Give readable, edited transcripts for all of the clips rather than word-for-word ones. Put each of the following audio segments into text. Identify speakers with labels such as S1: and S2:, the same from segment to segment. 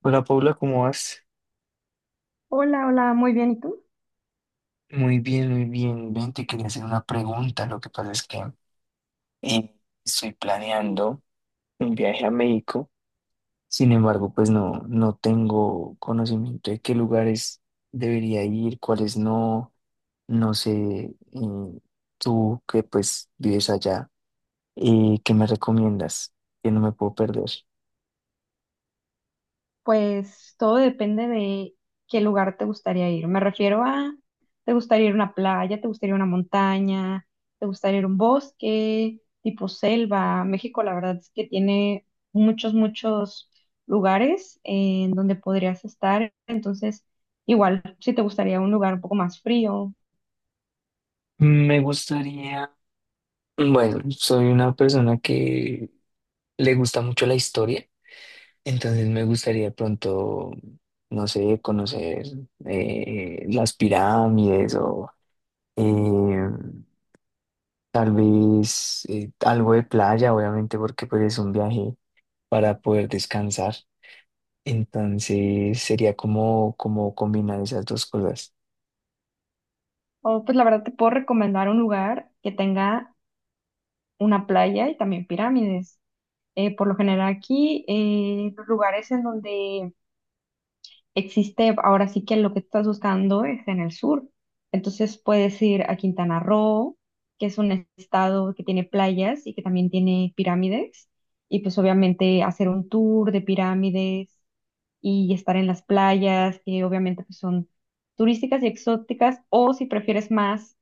S1: Hola Paula, ¿cómo vas?
S2: Hola, hola, muy bien. ¿Y tú?
S1: Muy bien, muy bien. Ven, te quería hacer una pregunta. Lo que pasa es que eh, estoy planeando un viaje a México. Sin embargo, pues no tengo conocimiento de qué lugares debería ir, cuáles no. No sé, eh, tú que pues vives allá, ¿qué me recomiendas? Que no me puedo perder.
S2: Pues todo depende de qué lugar te gustaría ir. Me refiero a, ¿te gustaría ir a una playa? ¿Te gustaría ir a una montaña? ¿Te gustaría ir a un bosque tipo selva? México, la verdad es que tiene muchos, muchos lugares en donde podrías estar. Entonces, igual, si te gustaría un lugar un poco más frío,
S1: Me gustaría, bueno, soy una persona que le gusta mucho la historia. Entonces me gustaría de pronto, no sé, conocer las pirámides o eh, tal vez algo de playa, obviamente, porque pues es un viaje para poder descansar. Entonces sería como combinar esas dos cosas.
S2: o pues la verdad te puedo recomendar un lugar que tenga una playa y también pirámides. Por lo general aquí, los lugares en donde existe, ahora sí que lo que estás buscando es en el sur. Entonces puedes ir a Quintana Roo, que es un estado que tiene playas y que también tiene pirámides. Y pues obviamente hacer un tour de pirámides y estar en las playas, que obviamente pues, son turísticas y exóticas. O si prefieres más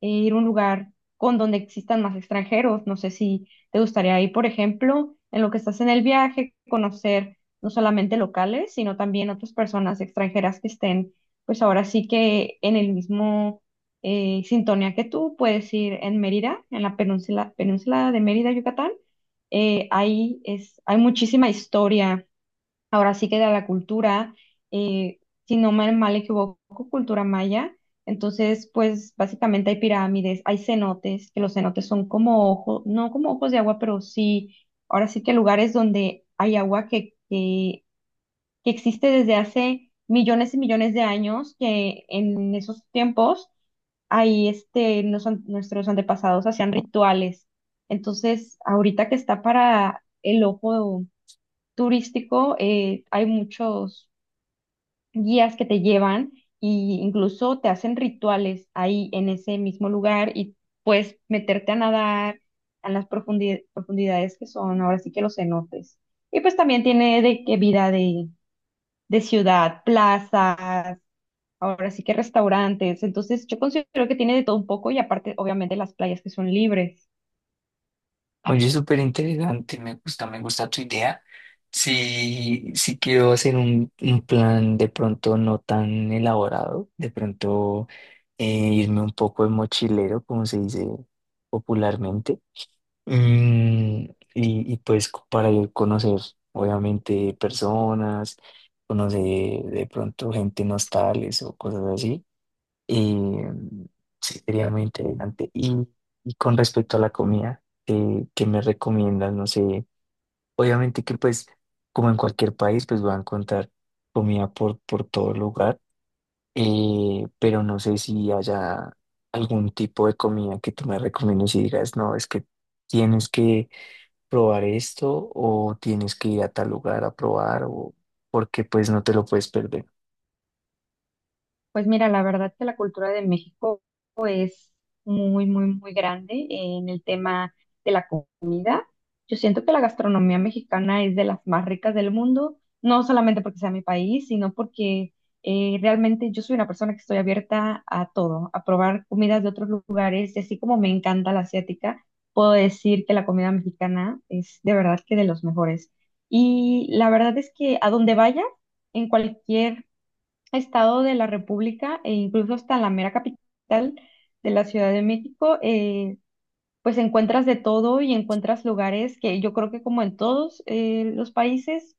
S2: e ir a un lugar con donde existan más extranjeros. No sé si te gustaría ir, por ejemplo, en lo que estás en el viaje, conocer no solamente locales, sino también otras personas extranjeras que estén, pues ahora sí que en el mismo sintonía que tú. Puedes ir en Mérida, en la península, península de Mérida, Yucatán. Ahí es, hay muchísima historia. Ahora sí que de la cultura, eh, si no me mal equivoco, cultura maya. Entonces, pues básicamente hay pirámides, hay cenotes, que los cenotes son como ojos, no como ojos de agua, pero sí, ahora sí que lugares donde hay agua que existe desde hace millones y millones de años, que en esos tiempos ahí este, nuestros antepasados hacían rituales. Entonces, ahorita que está para el ojo turístico, hay muchos guías que te llevan y incluso te hacen rituales ahí en ese mismo lugar y puedes meterte a nadar en las profundidades que son ahora sí que los cenotes. Y pues también tiene de que vida de ciudad, plazas, ahora sí que restaurantes. Entonces yo considero que tiene de todo un poco y aparte obviamente las playas que son libres.
S1: Oye, súper interesante, me gusta tu idea. Si, si quiero hacer un plan de pronto no tan elaborado, de pronto eh, irme un poco de mochilero, como se dice popularmente. Y pues para ir conocer, obviamente, personas, conocer de pronto gente nostales o cosas así. Y sí, sería muy interesante. Y con respecto a la comida, ¿qué me recomiendas? No sé, obviamente que pues, como en cualquier país, pues voy a encontrar comida por todo lugar, pero no sé si haya algún tipo de comida que tú me recomiendes y digas, no, es que tienes que probar esto o tienes que ir a tal lugar a probar, o porque pues no te lo puedes perder.
S2: Pues mira, la verdad que la cultura de México muy, muy, muy grande en el tema de la comida. Yo siento que la gastronomía mexicana es de las más ricas del mundo, no solamente porque sea mi país, sino porque realmente yo soy una persona que estoy abierta a todo, a probar comidas de otros lugares y así como me encanta la asiática, puedo decir que la comida mexicana es de verdad que de los mejores. Y la verdad es que a donde vaya, en cualquier estado de la República e incluso hasta la mera capital de la Ciudad de México, pues encuentras de todo y encuentras lugares que yo creo que como en todos los países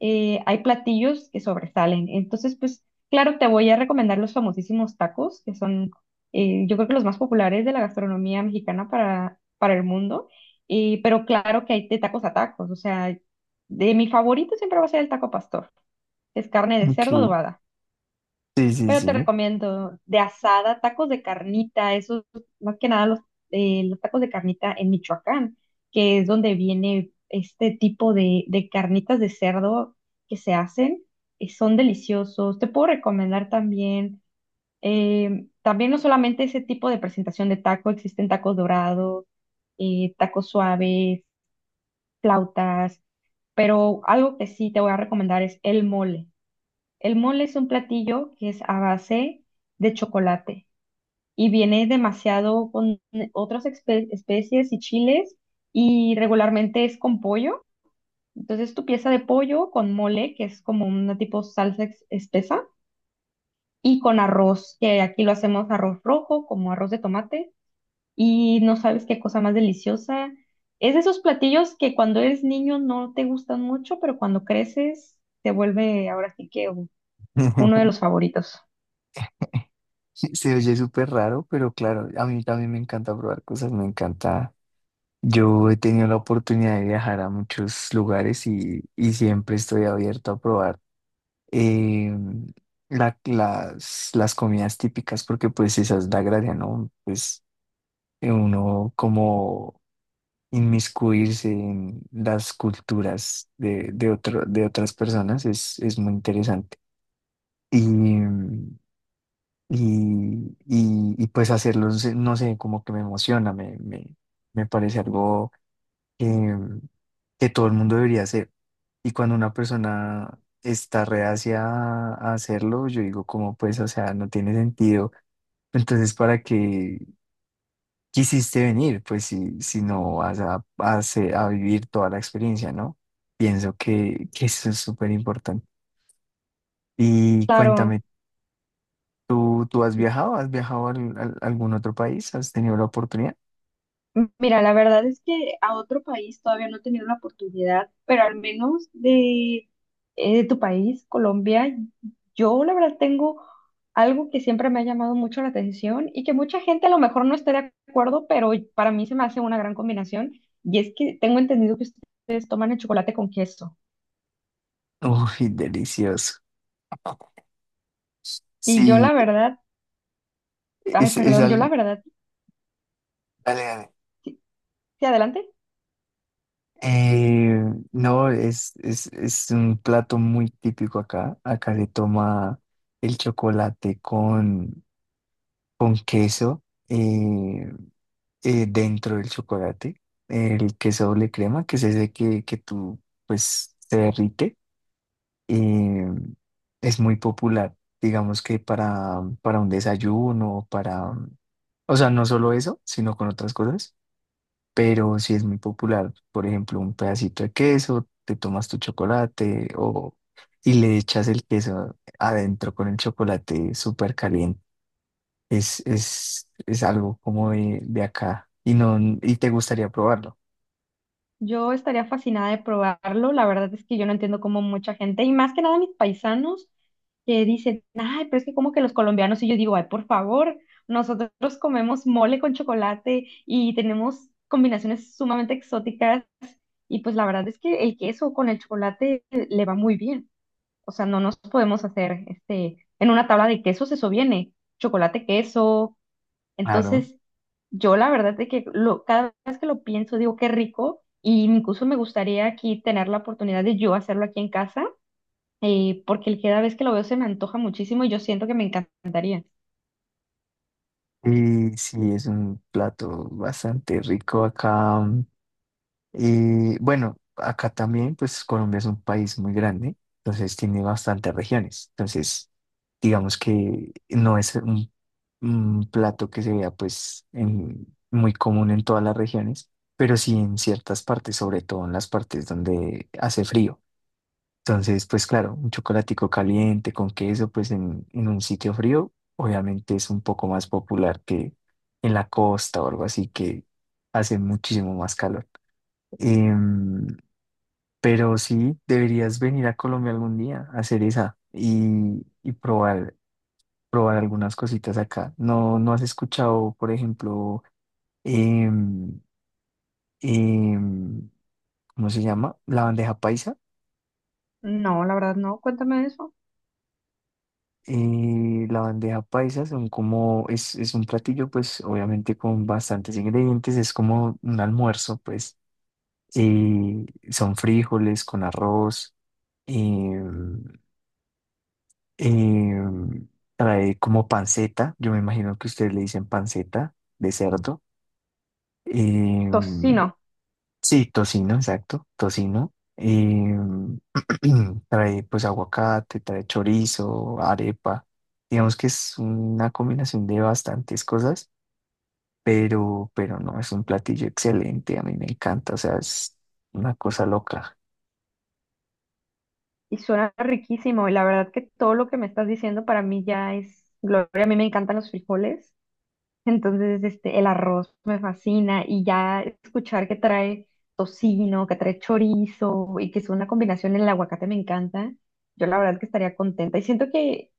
S2: hay platillos que sobresalen. Entonces, pues claro, te voy a recomendar los famosísimos tacos, que son yo creo que los más populares de la gastronomía mexicana para el mundo. Pero claro que hay de tacos a tacos, o sea, de mi favorito siempre va a ser el taco pastor, que es carne de
S1: Ok,
S2: cerdo adobada.
S1: sí, sí,
S2: Pero te
S1: sí.
S2: recomiendo de asada, tacos de carnita, esos, más que nada los, los tacos de carnita en Michoacán, que es donde viene este tipo de carnitas de cerdo que se hacen, son deliciosos. Te puedo recomendar también, también no solamente ese tipo de presentación de taco, existen tacos dorados, tacos suaves, flautas, pero algo que sí te voy a recomendar es el mole. El mole es un platillo que es a base de chocolate y viene demasiado con otras especies y chiles y regularmente es con pollo. Entonces tu pieza de pollo con mole, que es como una tipo salsa espesa, y con arroz, que aquí lo hacemos arroz rojo, como arroz de tomate, y no sabes qué cosa más deliciosa. Es de esos platillos que cuando eres niño no te gustan mucho, pero cuando creces te vuelve ahora sí que uno de los favoritos.
S1: Se oye súper raro, pero claro, a mí también me encanta probar cosas, me encanta. Yo he tenido la oportunidad de viajar a muchos lugares y siempre estoy abierto a probar eh, las comidas típicas, porque pues esa es la gracia, ¿no? Pues uno como inmiscuirse en las culturas de otras personas es muy interesante. Y, y pues hacerlos, no sé, como que me emociona, me parece algo que, que todo el mundo debería hacer. Y cuando una persona está reacia a hacerlo, yo digo como pues, o sea, no tiene sentido. Entonces, ¿para qué quisiste venir? Pues si, si no vas a vivir toda la experiencia, ¿no? Pienso que eso es súper importante. Y
S2: Claro.
S1: cuéntame, ¿tú has viajado? ¿Has viajado a algún otro país? ¿Has tenido la oportunidad?
S2: Mira, la verdad es que a otro país todavía no he tenido la oportunidad, pero al menos de tu país, Colombia, yo la verdad tengo algo que siempre me ha llamado mucho la atención y que mucha gente a lo mejor no esté de acuerdo, pero para mí se me hace una gran combinación y es que tengo entendido que ustedes toman el chocolate con queso.
S1: Uy, delicioso.
S2: Y yo
S1: Sí,
S2: la verdad, ay,
S1: es, es
S2: perdón, yo la
S1: al-
S2: verdad,
S1: dale, dale.
S2: sí, sí, adelante.
S1: Eh, no, es un plato muy típico acá. Acá le toma el chocolate con queso eh, dentro del chocolate. El queso doble crema, que es ese que tú, pues, se derrite. Y es muy popular, digamos que para un desayuno, para, o sea, no solo eso, sino con otras cosas, pero sí es muy popular, por ejemplo, un pedacito de queso, te tomas tu chocolate o, y le echas el queso adentro con el chocolate súper caliente. Es algo como de acá y, no, y te gustaría probarlo,
S2: Yo estaría fascinada de probarlo. La verdad es que yo no entiendo cómo mucha gente, y más que nada mis paisanos, que dicen, ay, pero es que como que los colombianos, y yo digo, ay, por favor, nosotros comemos mole con chocolate y tenemos combinaciones sumamente exóticas y pues la verdad es que el queso con el chocolate le va muy bien. O sea, no nos podemos hacer, este, en una tabla de quesos eso viene, chocolate, queso.
S1: claro.
S2: Entonces, yo la verdad es que lo, cada vez que lo pienso digo, qué rico y incluso me gustaría aquí tener la oportunidad de yo hacerlo aquí en casa porque el- cada vez que lo veo se me antoja muchísimo y yo siento que me encantaría.
S1: Y sí, es un plato bastante rico acá. Y bueno, acá también, pues Colombia es un país muy grande, entonces tiene bastantes regiones. Entonces, digamos que no es un plato que se vea pues muy común en todas las regiones, pero sí en ciertas partes, sobre todo en las partes donde hace frío. Entonces, pues claro, un chocolatico caliente con queso, pues en un sitio frío, obviamente es un poco más popular que en la costa o algo así que hace muchísimo más calor. Em, pero sí, deberías venir a Colombia algún día a hacer esa y probar, probar algunas cositas acá. ¿No, no has escuchado, por ejemplo, em, em, ¿cómo se llama? La bandeja paisa.
S2: No, la verdad no, cuéntame de eso.
S1: La bandeja paisa son como, es un platillo, pues obviamente con bastantes ingredientes, es como un almuerzo, pues. eh, Son frijoles con arroz. em, Eh, Trae como panceta, yo me imagino que ustedes le dicen panceta de cerdo. Eh,
S2: Tocino,
S1: sí, tocino, exacto, tocino. Trae pues aguacate, trae chorizo, arepa. Digamos que es una combinación de bastantes cosas, pero no, es un platillo excelente, a mí me encanta, o sea, es una cosa loca.
S2: y suena riquísimo, y la verdad que todo lo que me estás diciendo para mí ya es gloria. A mí me encantan los frijoles, entonces este, el arroz me fascina y ya escuchar que trae tocino, que trae chorizo y que es una combinación, en el aguacate me encanta. Yo la verdad que estaría contenta y siento que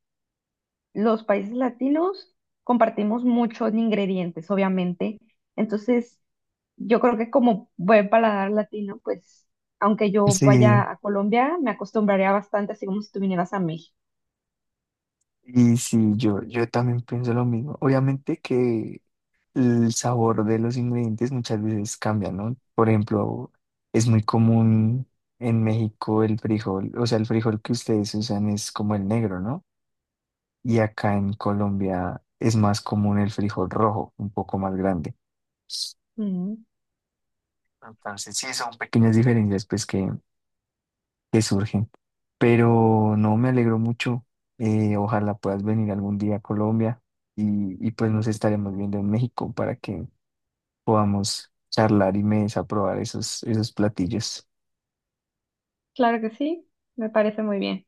S2: los países latinos compartimos muchos ingredientes, obviamente. Entonces, yo creo que como buen paladar latino, pues, aunque yo
S1: Sí,
S2: vaya a Colombia, me acostumbraría bastante, así como si tú vinieras a México.
S1: y sí, yo también pienso lo mismo. Obviamente que el sabor de los ingredientes muchas veces cambia, ¿no? Por ejemplo, es muy común en México el frijol, o sea, el frijol que ustedes usan es como el negro, ¿no? Y acá en Colombia es más común el frijol rojo, un poco más grande.
S2: Mm,
S1: Entonces, sí, son pequeñas diferencias, pues que surgen. Pero no, me alegro mucho. Ojalá puedas venir algún día a Colombia y pues nos estaremos viendo en México para que podamos charlar y me des a probar esos, esos platillos.
S2: claro que sí, me parece muy bien.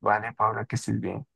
S1: Vale, Paula, que estés bien.